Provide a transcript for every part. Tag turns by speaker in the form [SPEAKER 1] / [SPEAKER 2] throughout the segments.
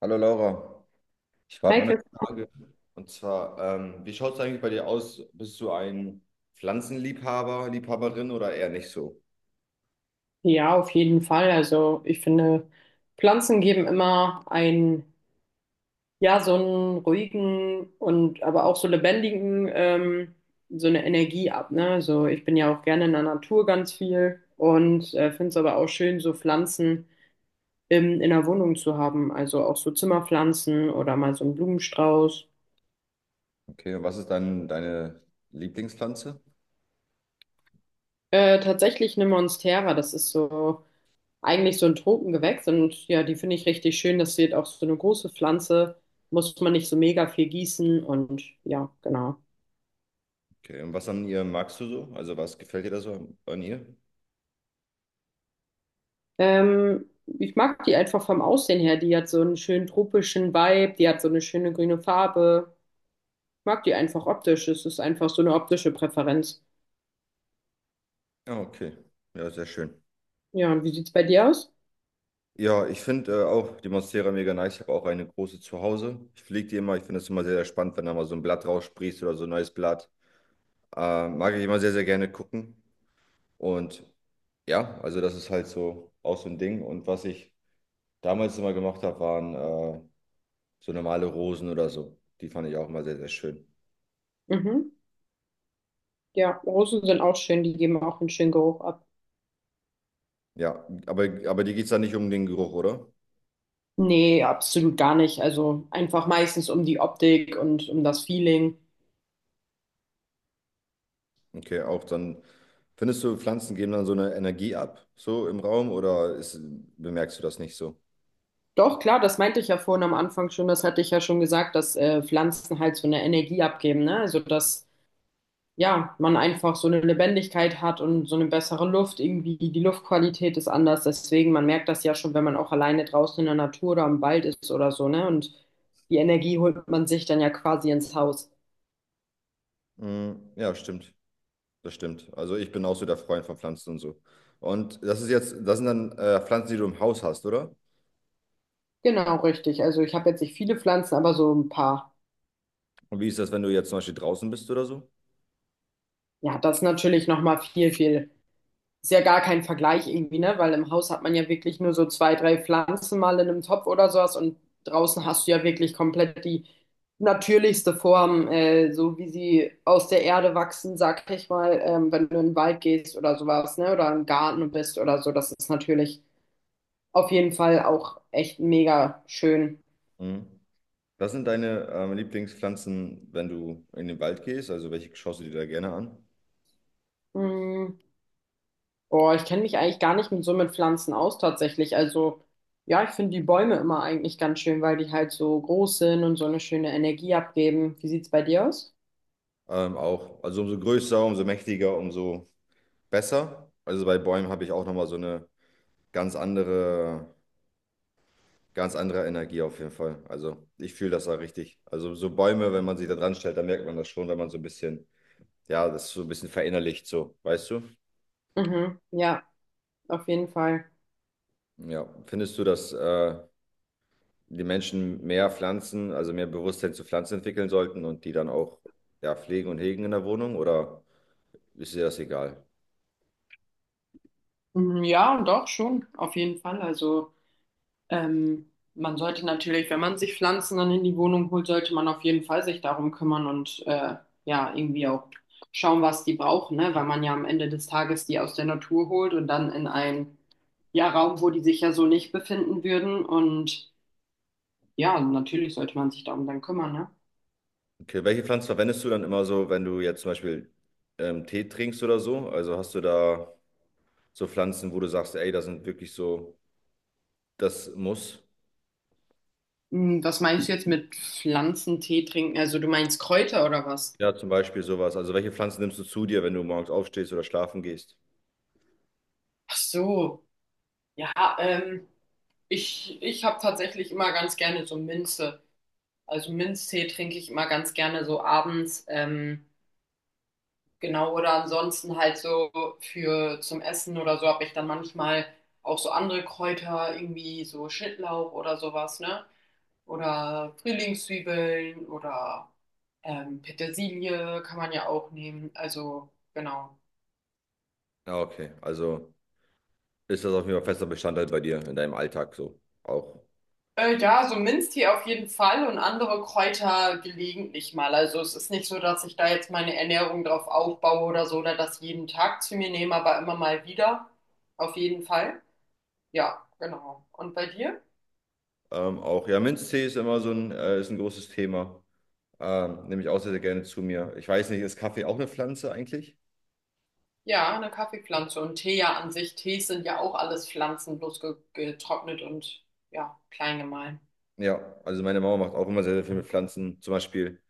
[SPEAKER 1] Hallo Laura, ich habe mal eine
[SPEAKER 2] Heike?
[SPEAKER 1] Frage. Und zwar, wie schaut es eigentlich bei dir aus? Bist du ein Pflanzenliebhaber, Liebhaberin oder eher nicht so?
[SPEAKER 2] Ja, auf jeden Fall. Also ich finde, Pflanzen geben immer einen, ja, so einen ruhigen und aber auch so lebendigen, so eine Energie ab, ne? Also ich bin ja auch gerne in der Natur ganz viel und finde es aber auch schön, so Pflanzen in der Wohnung zu haben. Also auch so Zimmerpflanzen oder mal so einen Blumenstrauß.
[SPEAKER 1] Okay, und was ist dann deine Lieblingspflanze?
[SPEAKER 2] Tatsächlich eine Monstera, das ist so eigentlich so ein Tropengewächs, und ja, die finde ich richtig schön. Das wird auch so eine große Pflanze, muss man nicht so mega viel gießen, und ja, genau.
[SPEAKER 1] Okay, und was an ihr magst du so? Also was gefällt dir da so an ihr?
[SPEAKER 2] Ähm, Ich mag die einfach vom Aussehen her. Die hat so einen schönen tropischen Vibe, die hat so eine schöne grüne Farbe. Ich mag die einfach optisch. Es ist einfach so eine optische Präferenz.
[SPEAKER 1] Ah, okay. Ja, sehr schön.
[SPEAKER 2] Ja, und wie sieht's bei dir aus?
[SPEAKER 1] Ja, ich finde auch die Monstera mega nice. Ich habe auch eine große zu Hause. Ich pflege die immer. Ich finde es immer sehr, sehr spannend, wenn da mal so ein Blatt raussprießt oder so ein neues Blatt. Mag ich immer sehr, sehr gerne gucken. Und Ja, also das ist halt so auch so ein Ding. Und was ich damals immer gemacht habe, waren so normale Rosen oder so. Die fand ich auch immer sehr, sehr schön.
[SPEAKER 2] Mhm. Ja, Rosen sind auch schön, die geben auch einen schönen Geruch ab.
[SPEAKER 1] Ja, aber dir geht es dann nicht um den Geruch, oder?
[SPEAKER 2] Nee, absolut gar nicht. Also einfach meistens um die Optik und um das Feeling.
[SPEAKER 1] Okay, auch dann. Findest du, Pflanzen geben dann so eine Energie ab, so im Raum, bemerkst du das nicht so?
[SPEAKER 2] Doch, klar, das meinte ich ja vorhin am Anfang schon, das hatte ich ja schon gesagt, dass Pflanzen halt so eine Energie abgeben, ne? Also, dass ja, man einfach so eine Lebendigkeit hat und so eine bessere Luft, irgendwie die Luftqualität ist anders, deswegen, man merkt das ja schon, wenn man auch alleine draußen in der Natur oder im Wald ist oder so, ne? Und die Energie holt man sich dann ja quasi ins Haus.
[SPEAKER 1] Mm, ja, stimmt. Das stimmt. Also ich bin auch so der Freund von Pflanzen und so. Und das sind dann Pflanzen, die du im Haus hast, oder?
[SPEAKER 2] Genau, richtig. Also, ich habe jetzt nicht viele Pflanzen, aber so ein paar.
[SPEAKER 1] Und wie ist das, wenn du jetzt zum Beispiel draußen bist oder so?
[SPEAKER 2] Ja, das ist natürlich nochmal viel. Ist ja gar kein Vergleich irgendwie, ne? Weil im Haus hat man ja wirklich nur so zwei, drei Pflanzen mal in einem Topf oder sowas, und draußen hast du ja wirklich komplett die natürlichste Form, so wie sie aus der Erde wachsen, sag ich mal, wenn du in den Wald gehst oder sowas, ne? Oder im Garten bist oder so. Das ist natürlich auf jeden Fall auch echt mega schön.
[SPEAKER 1] Mhm. Was sind deine Lieblingspflanzen, wenn du in den Wald gehst? Also welche schaust du dir da gerne an?
[SPEAKER 2] Mm. Oh, ich kenne mich eigentlich gar nicht mit so mit Pflanzen aus tatsächlich. Also ja, ich finde die Bäume immer eigentlich ganz schön, weil die halt so groß sind und so eine schöne Energie abgeben. Wie sieht's bei dir aus?
[SPEAKER 1] Auch, also umso größer, umso mächtiger, umso besser. Also bei Bäumen habe ich auch nochmal so eine ganz andere, ganz andere Energie auf jeden Fall. Also ich fühle das da richtig. Also so Bäume, wenn man sich da dran stellt, dann merkt man das schon, wenn man so ein bisschen, ja, das so ein bisschen verinnerlicht, so, weißt du?
[SPEAKER 2] Mhm, ja, auf jeden Fall.
[SPEAKER 1] Ja, findest du das die Menschen mehr Pflanzen, also mehr Bewusstsein zu Pflanzen entwickeln sollten und die dann auch ja, pflegen und hegen in der Wohnung oder ist dir das egal?
[SPEAKER 2] Mhm, ja, doch schon, auf jeden Fall. Also man sollte natürlich, wenn man sich Pflanzen dann in die Wohnung holt, sollte man auf jeden Fall sich darum kümmern und ja, irgendwie auch schauen, was die brauchen, ne? Weil man ja am Ende des Tages die aus der Natur holt und dann in einen ja, Raum, wo die sich ja so nicht befinden würden. Und ja, natürlich sollte man sich darum dann kümmern, ne?
[SPEAKER 1] Okay, welche Pflanzen verwendest du dann immer so, wenn du jetzt zum Beispiel Tee trinkst oder so? Also hast du da so Pflanzen, wo du sagst, ey, das sind wirklich so, das muss.
[SPEAKER 2] Hm, was meinst du jetzt mit Pflanzentee trinken? Also du meinst Kräuter oder was?
[SPEAKER 1] Ja, zum Beispiel sowas. Also welche Pflanzen nimmst du zu dir, wenn du morgens aufstehst oder schlafen gehst?
[SPEAKER 2] Ach so, ja, ähm, ich habe tatsächlich immer ganz gerne so Minze. Also Minztee trinke ich immer ganz gerne so abends. Genau, oder ansonsten halt so für zum Essen oder so habe ich dann manchmal auch so andere Kräuter, irgendwie so Schnittlauch oder sowas, ne? Oder Frühlingszwiebeln oder Petersilie kann man ja auch nehmen. Also genau.
[SPEAKER 1] Ja, okay. Also ist das auf jeden Fall fester Bestandteil bei dir in deinem Alltag so auch.
[SPEAKER 2] Ja, so Minztee auf jeden Fall und andere Kräuter gelegentlich mal. Also es ist nicht so, dass ich da jetzt meine Ernährung drauf aufbaue oder so oder das jeden Tag zu mir nehme, aber immer mal wieder. Auf jeden Fall. Ja, genau. Und bei dir?
[SPEAKER 1] Auch ja, Minztee ist immer so ein, ist ein großes Thema. Nehme ich auch sehr, sehr gerne zu mir. Ich weiß nicht, ist Kaffee auch eine Pflanze eigentlich?
[SPEAKER 2] Ja, eine Kaffeepflanze und Tee ja an sich. Tees sind ja auch alles Pflanzen, bloß ge getrocknet und ja, klein gemahlen.
[SPEAKER 1] Ja, also meine Mama macht auch immer sehr, sehr viel mit Pflanzen. Zum Beispiel,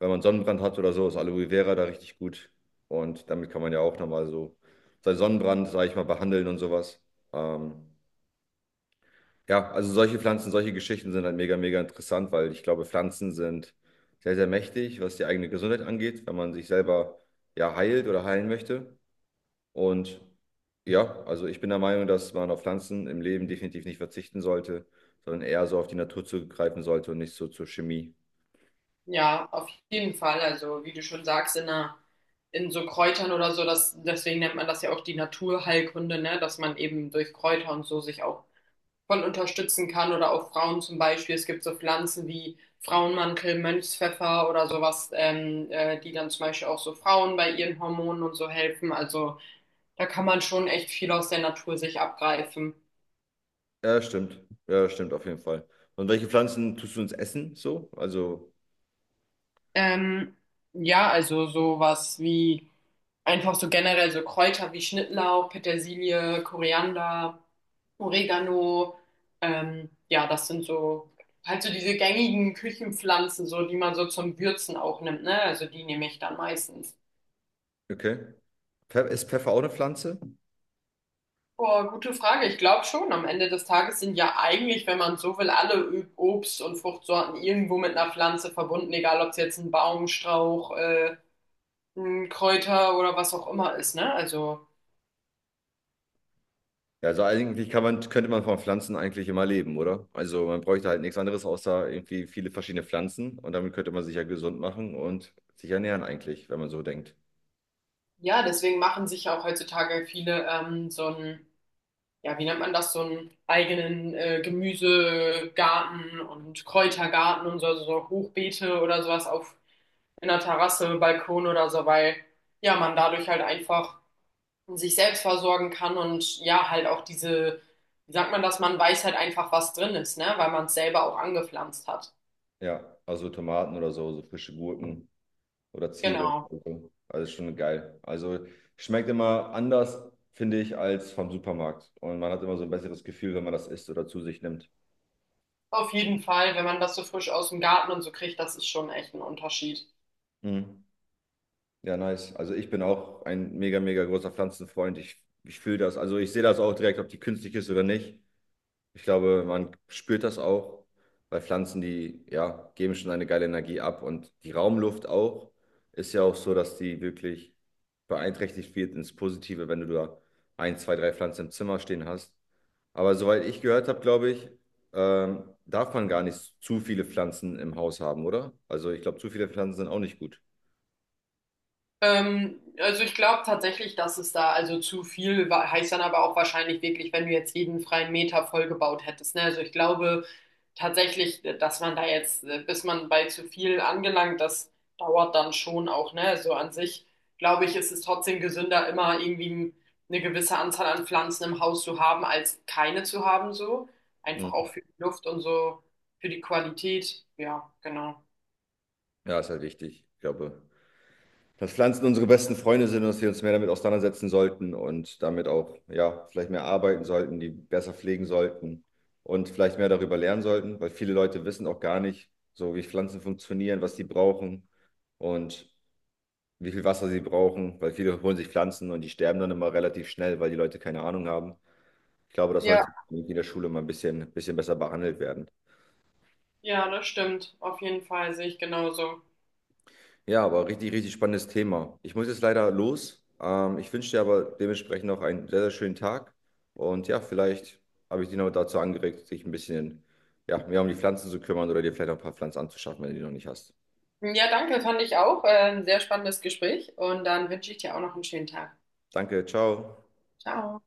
[SPEAKER 1] wenn man Sonnenbrand hat oder so, ist Aloe Vera da richtig gut. Und damit kann man ja auch nochmal so seinen Sonnenbrand, sage ich mal, behandeln und sowas. Ähm, ja, also solche Pflanzen, solche Geschichten sind halt mega, mega interessant, weil ich glaube, Pflanzen sind sehr, sehr mächtig, was die eigene Gesundheit angeht, wenn man sich selber ja heilt oder heilen möchte. Und ja, also ich bin der Meinung, dass man auf Pflanzen im Leben definitiv nicht verzichten sollte, sondern eher so auf die Natur zugreifen sollte und nicht so zur Chemie.
[SPEAKER 2] Ja, auf jeden Fall. Also, wie du schon sagst, in so Kräutern oder so, das, deswegen nennt man das ja auch die Naturheilkunde, ne? Dass man eben durch Kräuter und so sich auch voll unterstützen kann, oder auch Frauen zum Beispiel. Es gibt so Pflanzen wie Frauenmantel, Mönchspfeffer oder sowas, die dann zum Beispiel auch so Frauen bei ihren Hormonen und so helfen. Also, da kann man schon echt viel aus der Natur sich abgreifen.
[SPEAKER 1] Ja, stimmt. Ja, stimmt auf jeden Fall. Und welche Pflanzen tust du ins Essen so? Also,
[SPEAKER 2] Ähm, ja, also sowas wie einfach so generell so Kräuter wie Schnittlauch, Petersilie, Koriander, Oregano. Ja, das sind so halt so diese gängigen Küchenpflanzen, so die man so zum Würzen auch nimmt, ne? Also die nehme ich dann meistens.
[SPEAKER 1] okay. Pfe- Ist Pfeffer auch eine Pflanze?
[SPEAKER 2] Boah, gute Frage. Ich glaube schon, am Ende des Tages sind ja eigentlich, wenn man so will, alle Obst- und Fruchtsorten irgendwo mit einer Pflanze verbunden, egal ob es jetzt ein Baum, Strauch, ein Kräuter oder was auch immer ist, ne? Also
[SPEAKER 1] Ja, also eigentlich kann man, könnte man von Pflanzen eigentlich immer leben, oder? Also man bräuchte halt nichts anderes außer irgendwie viele verschiedene Pflanzen und damit könnte man sich ja gesund machen und sich ernähren eigentlich, wenn man so denkt.
[SPEAKER 2] ja, deswegen machen sich ja auch heutzutage viele so einen, ja, wie nennt man das, so einen eigenen Gemüsegarten und Kräutergarten und so, also so Hochbeete oder sowas auf einer Terrasse, Balkon oder so, weil ja, man dadurch halt einfach sich selbst versorgen kann und ja, halt auch diese, wie sagt man das, man weiß halt einfach, was drin ist, ne, weil man es selber auch angepflanzt hat.
[SPEAKER 1] Ja, also Tomaten oder so, so frische Gurken. Oder Zwiebeln
[SPEAKER 2] Genau.
[SPEAKER 1] und so. Also ist schon geil. Also schmeckt immer anders, finde ich, als vom Supermarkt. Und man hat immer so ein besseres Gefühl, wenn man das isst oder zu sich nimmt.
[SPEAKER 2] Auf jeden Fall, wenn man das so frisch aus dem Garten und so kriegt, das ist schon echt ein Unterschied.
[SPEAKER 1] Mhm. Ja, nice. Also ich bin auch ein mega, mega großer Pflanzenfreund. Ich fühle das. Also ich sehe das auch direkt, ob die künstlich ist oder nicht. Ich glaube, man spürt das auch, weil Pflanzen, die ja, geben schon eine geile Energie ab und die Raumluft auch ist ja auch so, dass die wirklich beeinträchtigt wird ins Positive, wenn du da ein, zwei, drei Pflanzen im Zimmer stehen hast. Aber soweit ich gehört habe, glaube ich, darf man gar nicht zu viele Pflanzen im Haus haben, oder? Also ich glaube, zu viele Pflanzen sind auch nicht gut.
[SPEAKER 2] Also ich glaube tatsächlich, dass es da, also zu viel war, heißt dann aber auch wahrscheinlich wirklich, wenn du jetzt jeden freien Meter vollgebaut hättest. Ne? Also ich glaube tatsächlich, dass man da jetzt, bis man bei zu viel angelangt, das dauert dann schon auch. Ne? So an sich glaube ich, ist es trotzdem gesünder, immer irgendwie eine gewisse Anzahl an Pflanzen im Haus zu haben, als keine zu haben. So einfach auch
[SPEAKER 1] Mhm.
[SPEAKER 2] für die Luft und so für die Qualität. Ja, genau.
[SPEAKER 1] Ja, ist halt wichtig, ich glaube, dass Pflanzen unsere besten Freunde sind und dass wir uns mehr damit auseinandersetzen sollten und damit auch, ja, vielleicht mehr arbeiten sollten, die besser pflegen sollten und vielleicht mehr darüber lernen sollten, weil viele Leute wissen auch gar nicht, so wie Pflanzen funktionieren, was die brauchen und wie viel Wasser sie brauchen, weil viele holen sich Pflanzen und die sterben dann immer relativ schnell, weil die Leute keine Ahnung haben. Ich glaube, das
[SPEAKER 2] Ja.
[SPEAKER 1] sollte in der Schule mal ein bisschen besser behandelt werden.
[SPEAKER 2] Ja, das stimmt. Auf jeden Fall sehe ich genauso.
[SPEAKER 1] Ja, aber richtig spannendes Thema. Ich muss jetzt leider los. Ich wünsche dir aber dementsprechend noch einen sehr, sehr schönen Tag. Und ja, vielleicht habe ich dich noch dazu angeregt, dich ein bisschen, ja, mehr um die Pflanzen zu kümmern oder dir vielleicht noch ein paar Pflanzen anzuschaffen, wenn du die noch nicht hast.
[SPEAKER 2] Ja, danke, fand ich auch. Ein sehr spannendes Gespräch, und dann wünsche ich dir auch noch einen schönen Tag.
[SPEAKER 1] Danke, ciao.
[SPEAKER 2] Ciao.